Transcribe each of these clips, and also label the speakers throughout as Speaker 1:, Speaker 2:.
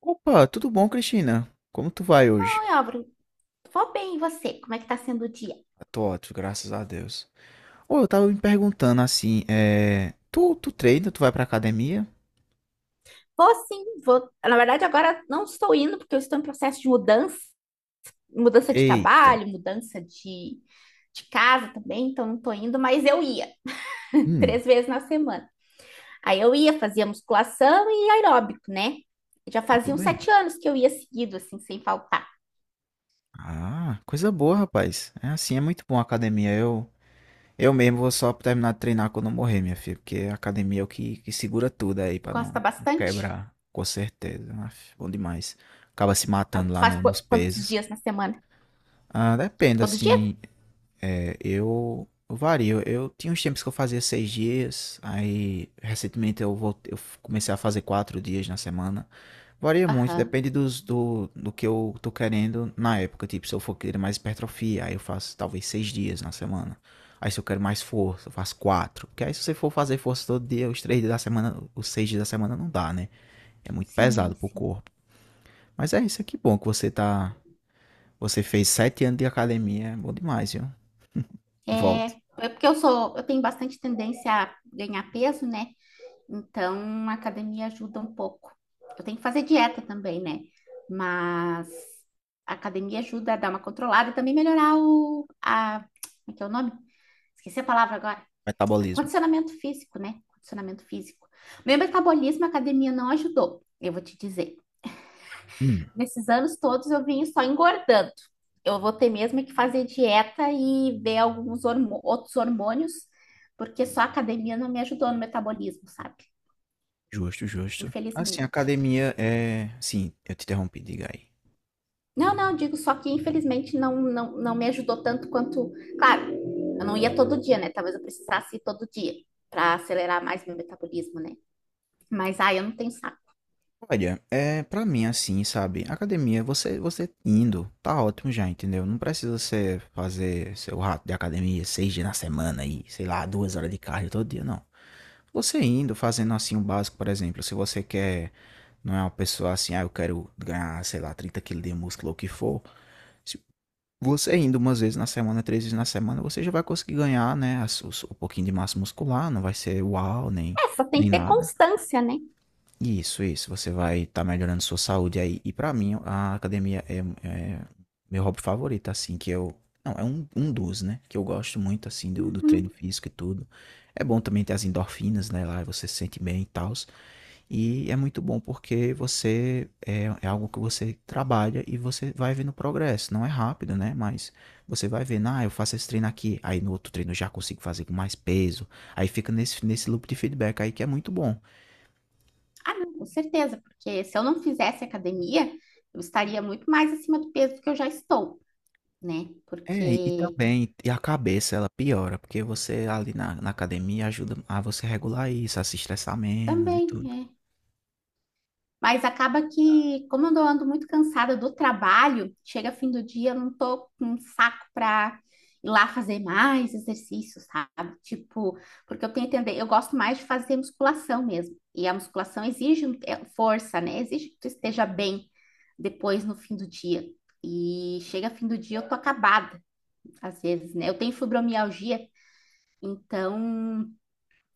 Speaker 1: Opa, tudo bom, Cristina? Como tu vai hoje?
Speaker 2: Oi, Álvaro, vou bem, e você? Como é que tá sendo o dia?
Speaker 1: Eu tô ótimo, graças a Deus. Ô, eu tava me perguntando assim, tu treina, tu vai pra academia?
Speaker 2: Vou sim, vou. Na verdade, agora não estou indo porque eu estou em processo de mudança, mudança de
Speaker 1: Eita.
Speaker 2: trabalho, mudança de casa também, então não estou indo, mas eu ia
Speaker 1: Hum,
Speaker 2: três vezes na semana. Aí eu ia, fazia musculação e aeróbico, né? Já
Speaker 1: muito
Speaker 2: faziam
Speaker 1: bem.
Speaker 2: 7 anos que eu ia seguido, assim, sem faltar.
Speaker 1: Ah, coisa boa, rapaz. É assim, é muito bom a academia. Eu mesmo vou só terminar de treinar quando eu morrer, minha filha, porque a academia é que segura tudo aí
Speaker 2: Tu
Speaker 1: pra
Speaker 2: gosta
Speaker 1: não
Speaker 2: bastante?
Speaker 1: quebrar, com certeza. Aff, bom demais. Acaba se
Speaker 2: Ah,
Speaker 1: matando
Speaker 2: tu
Speaker 1: lá
Speaker 2: faz
Speaker 1: no- nos
Speaker 2: quantos
Speaker 1: pesos.
Speaker 2: dias na semana?
Speaker 1: Ah, depende,
Speaker 2: Todo dia?
Speaker 1: assim. É, eu vario. Eu tinha uns tempos que eu fazia seis dias, aí recentemente eu voltei, eu comecei a fazer quatro dias na semana. Varia muito,
Speaker 2: Aham.
Speaker 1: depende do que eu tô querendo na época. Tipo, se eu for querer mais hipertrofia, aí eu faço talvez seis dias na semana. Aí se eu quero mais força, eu faço quatro. Porque aí se você for fazer força todo dia, os três dias da semana, os seis dias da semana não dá, né? É muito
Speaker 2: Sim,
Speaker 1: pesado pro
Speaker 2: sim.
Speaker 1: corpo. Mas é isso aqui, bom que você tá. Você fez sete anos de academia, é bom demais, viu?
Speaker 2: É,
Speaker 1: Volte.
Speaker 2: é porque eu tenho bastante tendência a ganhar peso, né? Então a academia ajuda um pouco. Eu tenho que fazer dieta também, né? Mas a academia ajuda a dar uma controlada e também melhorar como é que é o nome? Esqueci a palavra agora.
Speaker 1: Metabolismo.
Speaker 2: Condicionamento físico, né? Condicionamento físico. Meu metabolismo, a academia não ajudou, eu vou te dizer
Speaker 1: Hum,
Speaker 2: nesses anos todos eu vim só engordando. Eu vou ter mesmo que fazer dieta e ver alguns outros hormônios, porque só a academia não me ajudou no metabolismo, sabe?
Speaker 1: justo, justo. Assim, a
Speaker 2: Infelizmente.
Speaker 1: academia é. Sim, eu te interrompi, diga aí.
Speaker 2: Não, não, digo só que infelizmente não, não, não me ajudou tanto quanto. Claro, eu não ia todo dia, né? Talvez eu precisasse ir todo dia para acelerar mais meu metabolismo, né? Mas, ah, eu não tenho saco.
Speaker 1: Olha, é pra mim assim, sabe? Academia, você indo, tá ótimo já, entendeu? Não precisa você fazer seu rato de academia seis dias na semana e, sei lá, duas horas de cardio todo dia, não. Você indo, fazendo assim o básico, por exemplo, se você quer, não é uma pessoa assim, ah, eu quero ganhar, sei lá, 30 quilos de músculo ou o que for, se você indo umas vezes na semana, três vezes na semana, você já vai conseguir ganhar, né, um pouquinho de massa muscular, não vai ser uau, nem,
Speaker 2: É, só tem
Speaker 1: nem
Speaker 2: que ter
Speaker 1: nada.
Speaker 2: constância, né?
Speaker 1: Isso, você vai estar melhorando sua saúde aí. E pra mim, é meu hobby favorito, assim, que eu... Não, é um dos, né, que eu gosto muito, assim, do
Speaker 2: Uhum.
Speaker 1: treino físico e tudo. É bom também ter as endorfinas, né, lá, e você se sente bem e tal. E é muito bom porque é algo que você trabalha e você vai vendo progresso. Não é rápido, né? Mas você vai vendo, ah, eu faço esse treino aqui, aí no outro treino eu já consigo fazer com mais peso. Aí fica nesse loop de feedback aí que é muito bom.
Speaker 2: Ah, não, com certeza, porque se eu não fizesse academia, eu estaria muito mais acima do peso do que eu já estou, né?
Speaker 1: É,
Speaker 2: Porque
Speaker 1: também, e a cabeça ela piora, porque você ali na academia ajuda a você regular isso, a se estressar menos e
Speaker 2: também
Speaker 1: tudo.
Speaker 2: é. Mas acaba que, como eu ando muito cansada do trabalho, chega fim do dia, eu não tô com um saco para ir lá fazer mais exercícios, sabe? Tipo, porque eu tenho que entender, eu gosto mais de fazer musculação mesmo. E a musculação exige é, força, né? Exige que tu esteja bem depois no fim do dia. E chega fim do dia, eu tô acabada. Às vezes, né? Eu tenho fibromialgia, então,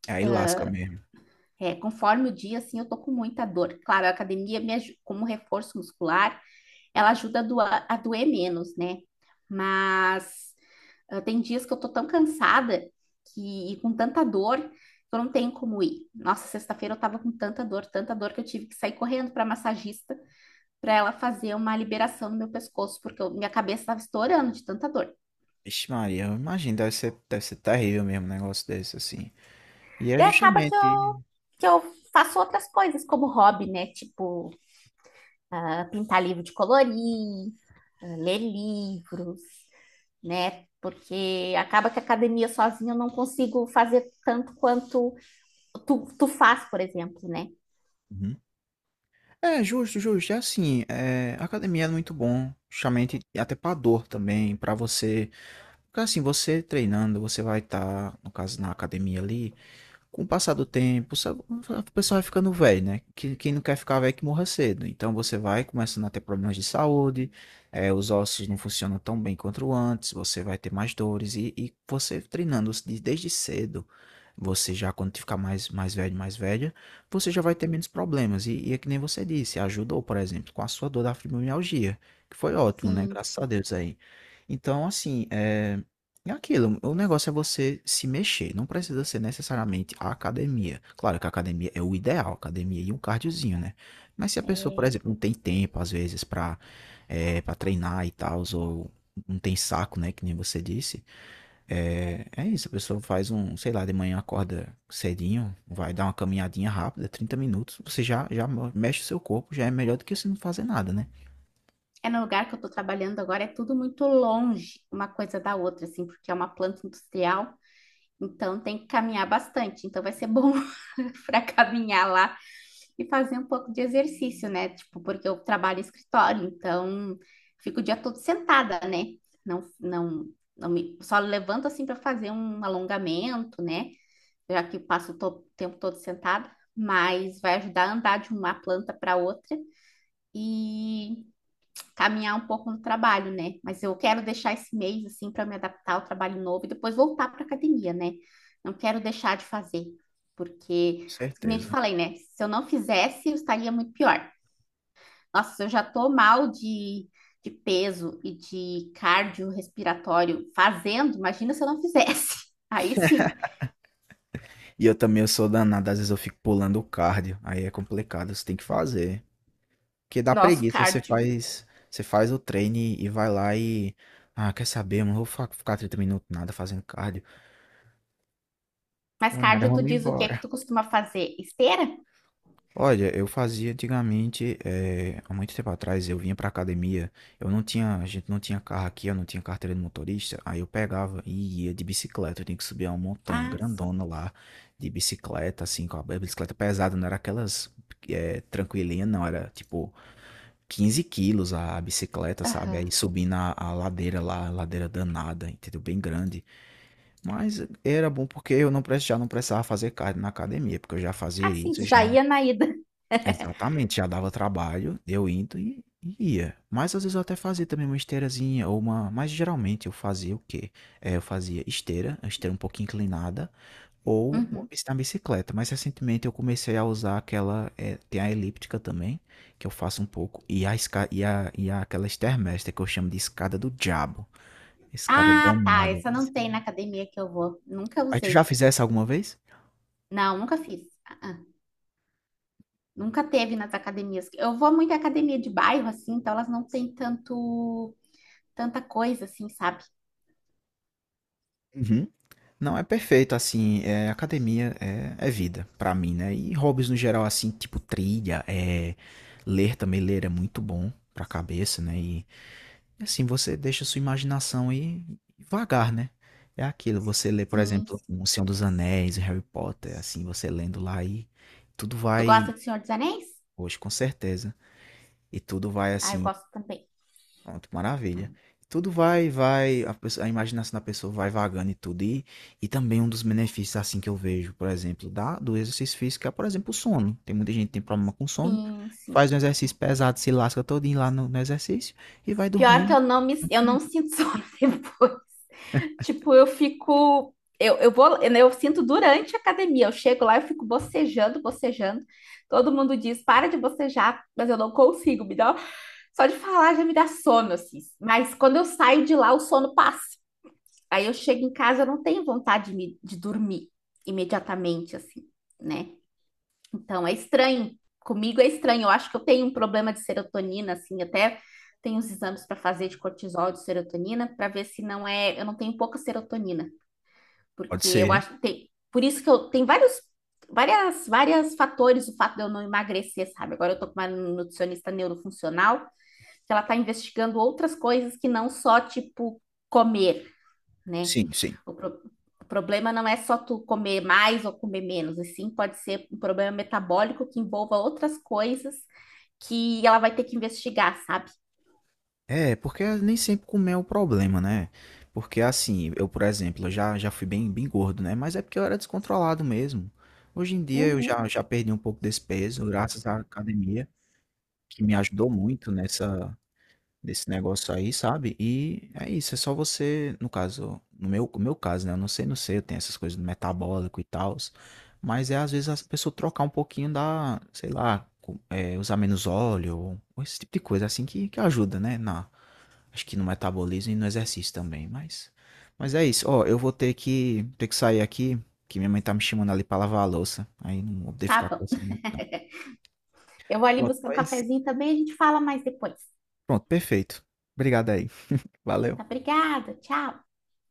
Speaker 1: Aí lasca mesmo.
Speaker 2: conforme o dia, assim, eu tô com muita dor. Claro, a academia, como reforço muscular, ela ajuda a doer menos, né? Mas ah, tem dias que eu tô tão cansada que, e com tanta dor que eu não tenho como ir. Nossa, sexta-feira eu tava com tanta dor que eu tive que sair correndo para massagista para ela fazer uma liberação no meu pescoço, porque minha cabeça estava estourando de tanta dor.
Speaker 1: Vixe Maria, eu imagino, deve ser terrível mesmo um negócio desse, assim. E é
Speaker 2: Daí acaba que
Speaker 1: justamente.
Speaker 2: eu faço outras coisas como hobby, né? Tipo, ah, pintar livro de colorir, ah, ler livros, né? Porque acaba que a academia sozinha eu não consigo fazer tanto quanto tu faz, por exemplo, né?
Speaker 1: Uhum. É, justo, justo. É assim, é, a academia é muito bom, justamente até pra dor também, pra você. Porque assim, você treinando, você vai estar, no caso, na academia ali, com o passar do tempo, sabe, a pessoa vai ficando velho, né? Quem não quer ficar velho que morra cedo. Então você vai começando a ter problemas de saúde, os ossos não funcionam tão bem quanto antes, você vai ter mais dores. E você treinando desde cedo, você já, quando ficar mais velho, mais velha, você já vai ter menos problemas. E é que nem você disse, ajudou, por exemplo, com a sua dor da fibromialgia, que foi ótimo, né?
Speaker 2: Sim,
Speaker 1: Graças a
Speaker 2: sim.
Speaker 1: Deus aí. Então, assim, é. É aquilo, o negócio é você se mexer, não precisa ser necessariamente a academia. Claro que a academia é o ideal, academia e um cardiozinho, né? Mas se a pessoa, por
Speaker 2: É,
Speaker 1: exemplo, não tem tempo, às vezes, pra, pra treinar e tal, ou não tem saco, né, que nem você disse, é, é isso, a pessoa faz um, sei lá, de manhã acorda cedinho, vai dar uma caminhadinha rápida, 30 minutos, já mexe o seu corpo, já é melhor do que você não fazer nada, né?
Speaker 2: é no lugar que eu estou trabalhando agora, é tudo muito longe uma coisa da outra, assim, porque é uma planta industrial, então tem que caminhar bastante. Então vai ser bom para caminhar lá e fazer um pouco de exercício, né? Tipo, porque eu trabalho em escritório, então fico o dia todo sentada, né? Não, não, só levanto assim para fazer um alongamento, né? Já que passo o tempo todo sentada, mas vai ajudar a andar de uma planta para outra. E caminhar um pouco no trabalho, né? Mas eu quero deixar esse mês assim para me adaptar ao trabalho novo e depois voltar para academia, né? Não quero deixar de fazer, porque, como eu te
Speaker 1: Certeza.
Speaker 2: falei, né? Se eu não fizesse, eu estaria muito pior. Nossa, eu já tô mal de peso e de cardio respiratório fazendo, imagina se eu não fizesse. Aí sim,
Speaker 1: E eu também eu sou danado, às vezes eu fico pulando o cardio, aí é complicado, você tem que fazer. Porque dá
Speaker 2: nosso
Speaker 1: preguiça,
Speaker 2: cardio.
Speaker 1: você faz o treino e vai lá e ah, quer saber, mano, ficar 30 minutos nada fazendo cardio.
Speaker 2: Mas
Speaker 1: Ou nada,
Speaker 2: cardio, tu
Speaker 1: vamos
Speaker 2: diz o que é
Speaker 1: embora.
Speaker 2: que tu costuma fazer? Esteira?
Speaker 1: Olha, eu fazia antigamente, há muito tempo atrás, eu vinha pra academia, eu não tinha, a gente não tinha carro aqui, eu não tinha carteira de motorista, aí eu pegava e ia de bicicleta, eu tinha que subir uma montanha
Speaker 2: Ah, sim.
Speaker 1: grandona lá, de bicicleta, assim, com a bicicleta pesada, não era aquelas tranquilinha, não, era tipo 15 quilos a bicicleta, sabe? Aí
Speaker 2: Aham.
Speaker 1: subindo a ladeira lá, a ladeira danada, entendeu? Bem grande. Mas era bom porque eu não, pre- já não precisava fazer cardio na academia, porque eu já fazia
Speaker 2: Ah, sim,
Speaker 1: isso,
Speaker 2: tu já
Speaker 1: já.
Speaker 2: ia na ida.
Speaker 1: Exatamente, já dava trabalho, eu indo e ia. Mas às vezes eu até fazia também uma esteirazinha ou uma. Mas geralmente eu fazia o quê? É, eu fazia esteira, a esteira um pouquinho inclinada, ou
Speaker 2: Uhum.
Speaker 1: na bicicleta. Mas recentemente eu comecei a usar aquela. É, tem a elíptica também, que eu faço um pouco, e a, esca... e a aquela stairmaster que eu chamo de escada do diabo. Escada
Speaker 2: Ah, tá.
Speaker 1: danada.
Speaker 2: Essa não tem na academia que eu vou. Nunca
Speaker 1: Mas tu já
Speaker 2: usei.
Speaker 1: fizesse alguma vez?
Speaker 2: Não, nunca fiz. Ah, ah. Nunca teve nas academias. Eu vou muito à academia de bairro, assim, então elas não têm tanta coisa, assim, sabe?
Speaker 1: Uhum. Não, é perfeito, assim, é, é vida pra mim, né? E hobbies no geral, assim, tipo trilha, é, ler também, ler é muito bom pra cabeça, né? E assim, você deixa sua imaginação aí vagar, né? É aquilo, você lê, por
Speaker 2: Sim.
Speaker 1: exemplo,
Speaker 2: Sim.
Speaker 1: O Senhor dos Anéis, Harry Potter, assim, você lendo lá e tudo
Speaker 2: Tu gosta
Speaker 1: vai,
Speaker 2: de Senhor dos Anéis?
Speaker 1: hoje com certeza, e tudo vai,
Speaker 2: Ah, eu
Speaker 1: assim.
Speaker 2: gosto também.
Speaker 1: Pronto, maravilha. Tudo vai, a imaginação da pessoa vai vagando e tudo. E também um dos benefícios, assim, que eu vejo, por exemplo, do exercício físico é, por exemplo, o sono. Tem muita gente que tem problema com sono,
Speaker 2: Sim, sim.
Speaker 1: faz um
Speaker 2: É.
Speaker 1: exercício pesado, se lasca todinho lá no exercício e vai
Speaker 2: Pior que
Speaker 1: dormir.
Speaker 2: eu
Speaker 1: Hum,
Speaker 2: não sinto sono depois. Tipo, eu fico. Eu eu sinto durante a academia. Eu chego lá, eu fico bocejando, bocejando. Todo mundo diz, para de bocejar, mas eu não consigo. Me dá uma. Só de falar já me dá sono, assim. Mas quando eu saio de lá, o sono passa. Aí eu chego em casa, eu não tenho vontade de dormir imediatamente, assim, né? Então é estranho. Comigo é estranho. Eu acho que eu tenho um problema de serotonina, assim, até tenho uns exames para fazer de cortisol e de serotonina para ver se não é. Eu não tenho pouca serotonina,
Speaker 1: Pode
Speaker 2: porque eu
Speaker 1: ser.
Speaker 2: acho que tem. Por isso que eu tem várias fatores o fato de eu não emagrecer, sabe? Agora eu tô com uma nutricionista neurofuncional que ela está investigando outras coisas que não só, tipo, comer, né?
Speaker 1: Sim, sim.
Speaker 2: O, pro- o problema não é só tu comer mais ou comer menos, e sim pode ser um problema metabólico que envolva outras coisas que ela vai ter que investigar, sabe?
Speaker 1: É, porque nem sempre comer é o problema, né? Porque, assim, eu, por exemplo, já fui bem gordo, né? Mas é porque eu era descontrolado mesmo. Hoje em dia
Speaker 2: Uhum.
Speaker 1: já perdi um pouco desse peso, graças à academia, que me ajudou muito nessa nesse negócio aí, sabe? E é isso, é só você, no caso, no meu caso, né? Eu não sei, eu tenho essas coisas do metabólico e tal, mas é às vezes a pessoa trocar um pouquinho da, sei lá, é, usar menos óleo, ou esse tipo de coisa assim que ajuda, né? Na, acho que no metabolismo e no exercício também, mas é isso. Ó, eu vou ter que sair aqui, que minha mãe tá me chamando ali pra lavar a louça. Aí não vou poder
Speaker 2: Tá
Speaker 1: ficar
Speaker 2: bom.
Speaker 1: conversando muito, não.
Speaker 2: Eu vou ali
Speaker 1: Pronto,
Speaker 2: buscar um
Speaker 1: mas
Speaker 2: cafezinho também, a gente fala mais depois.
Speaker 1: pronto, perfeito. Obrigado aí.
Speaker 2: Então, tá,
Speaker 1: Valeu.
Speaker 2: obrigada, tchau.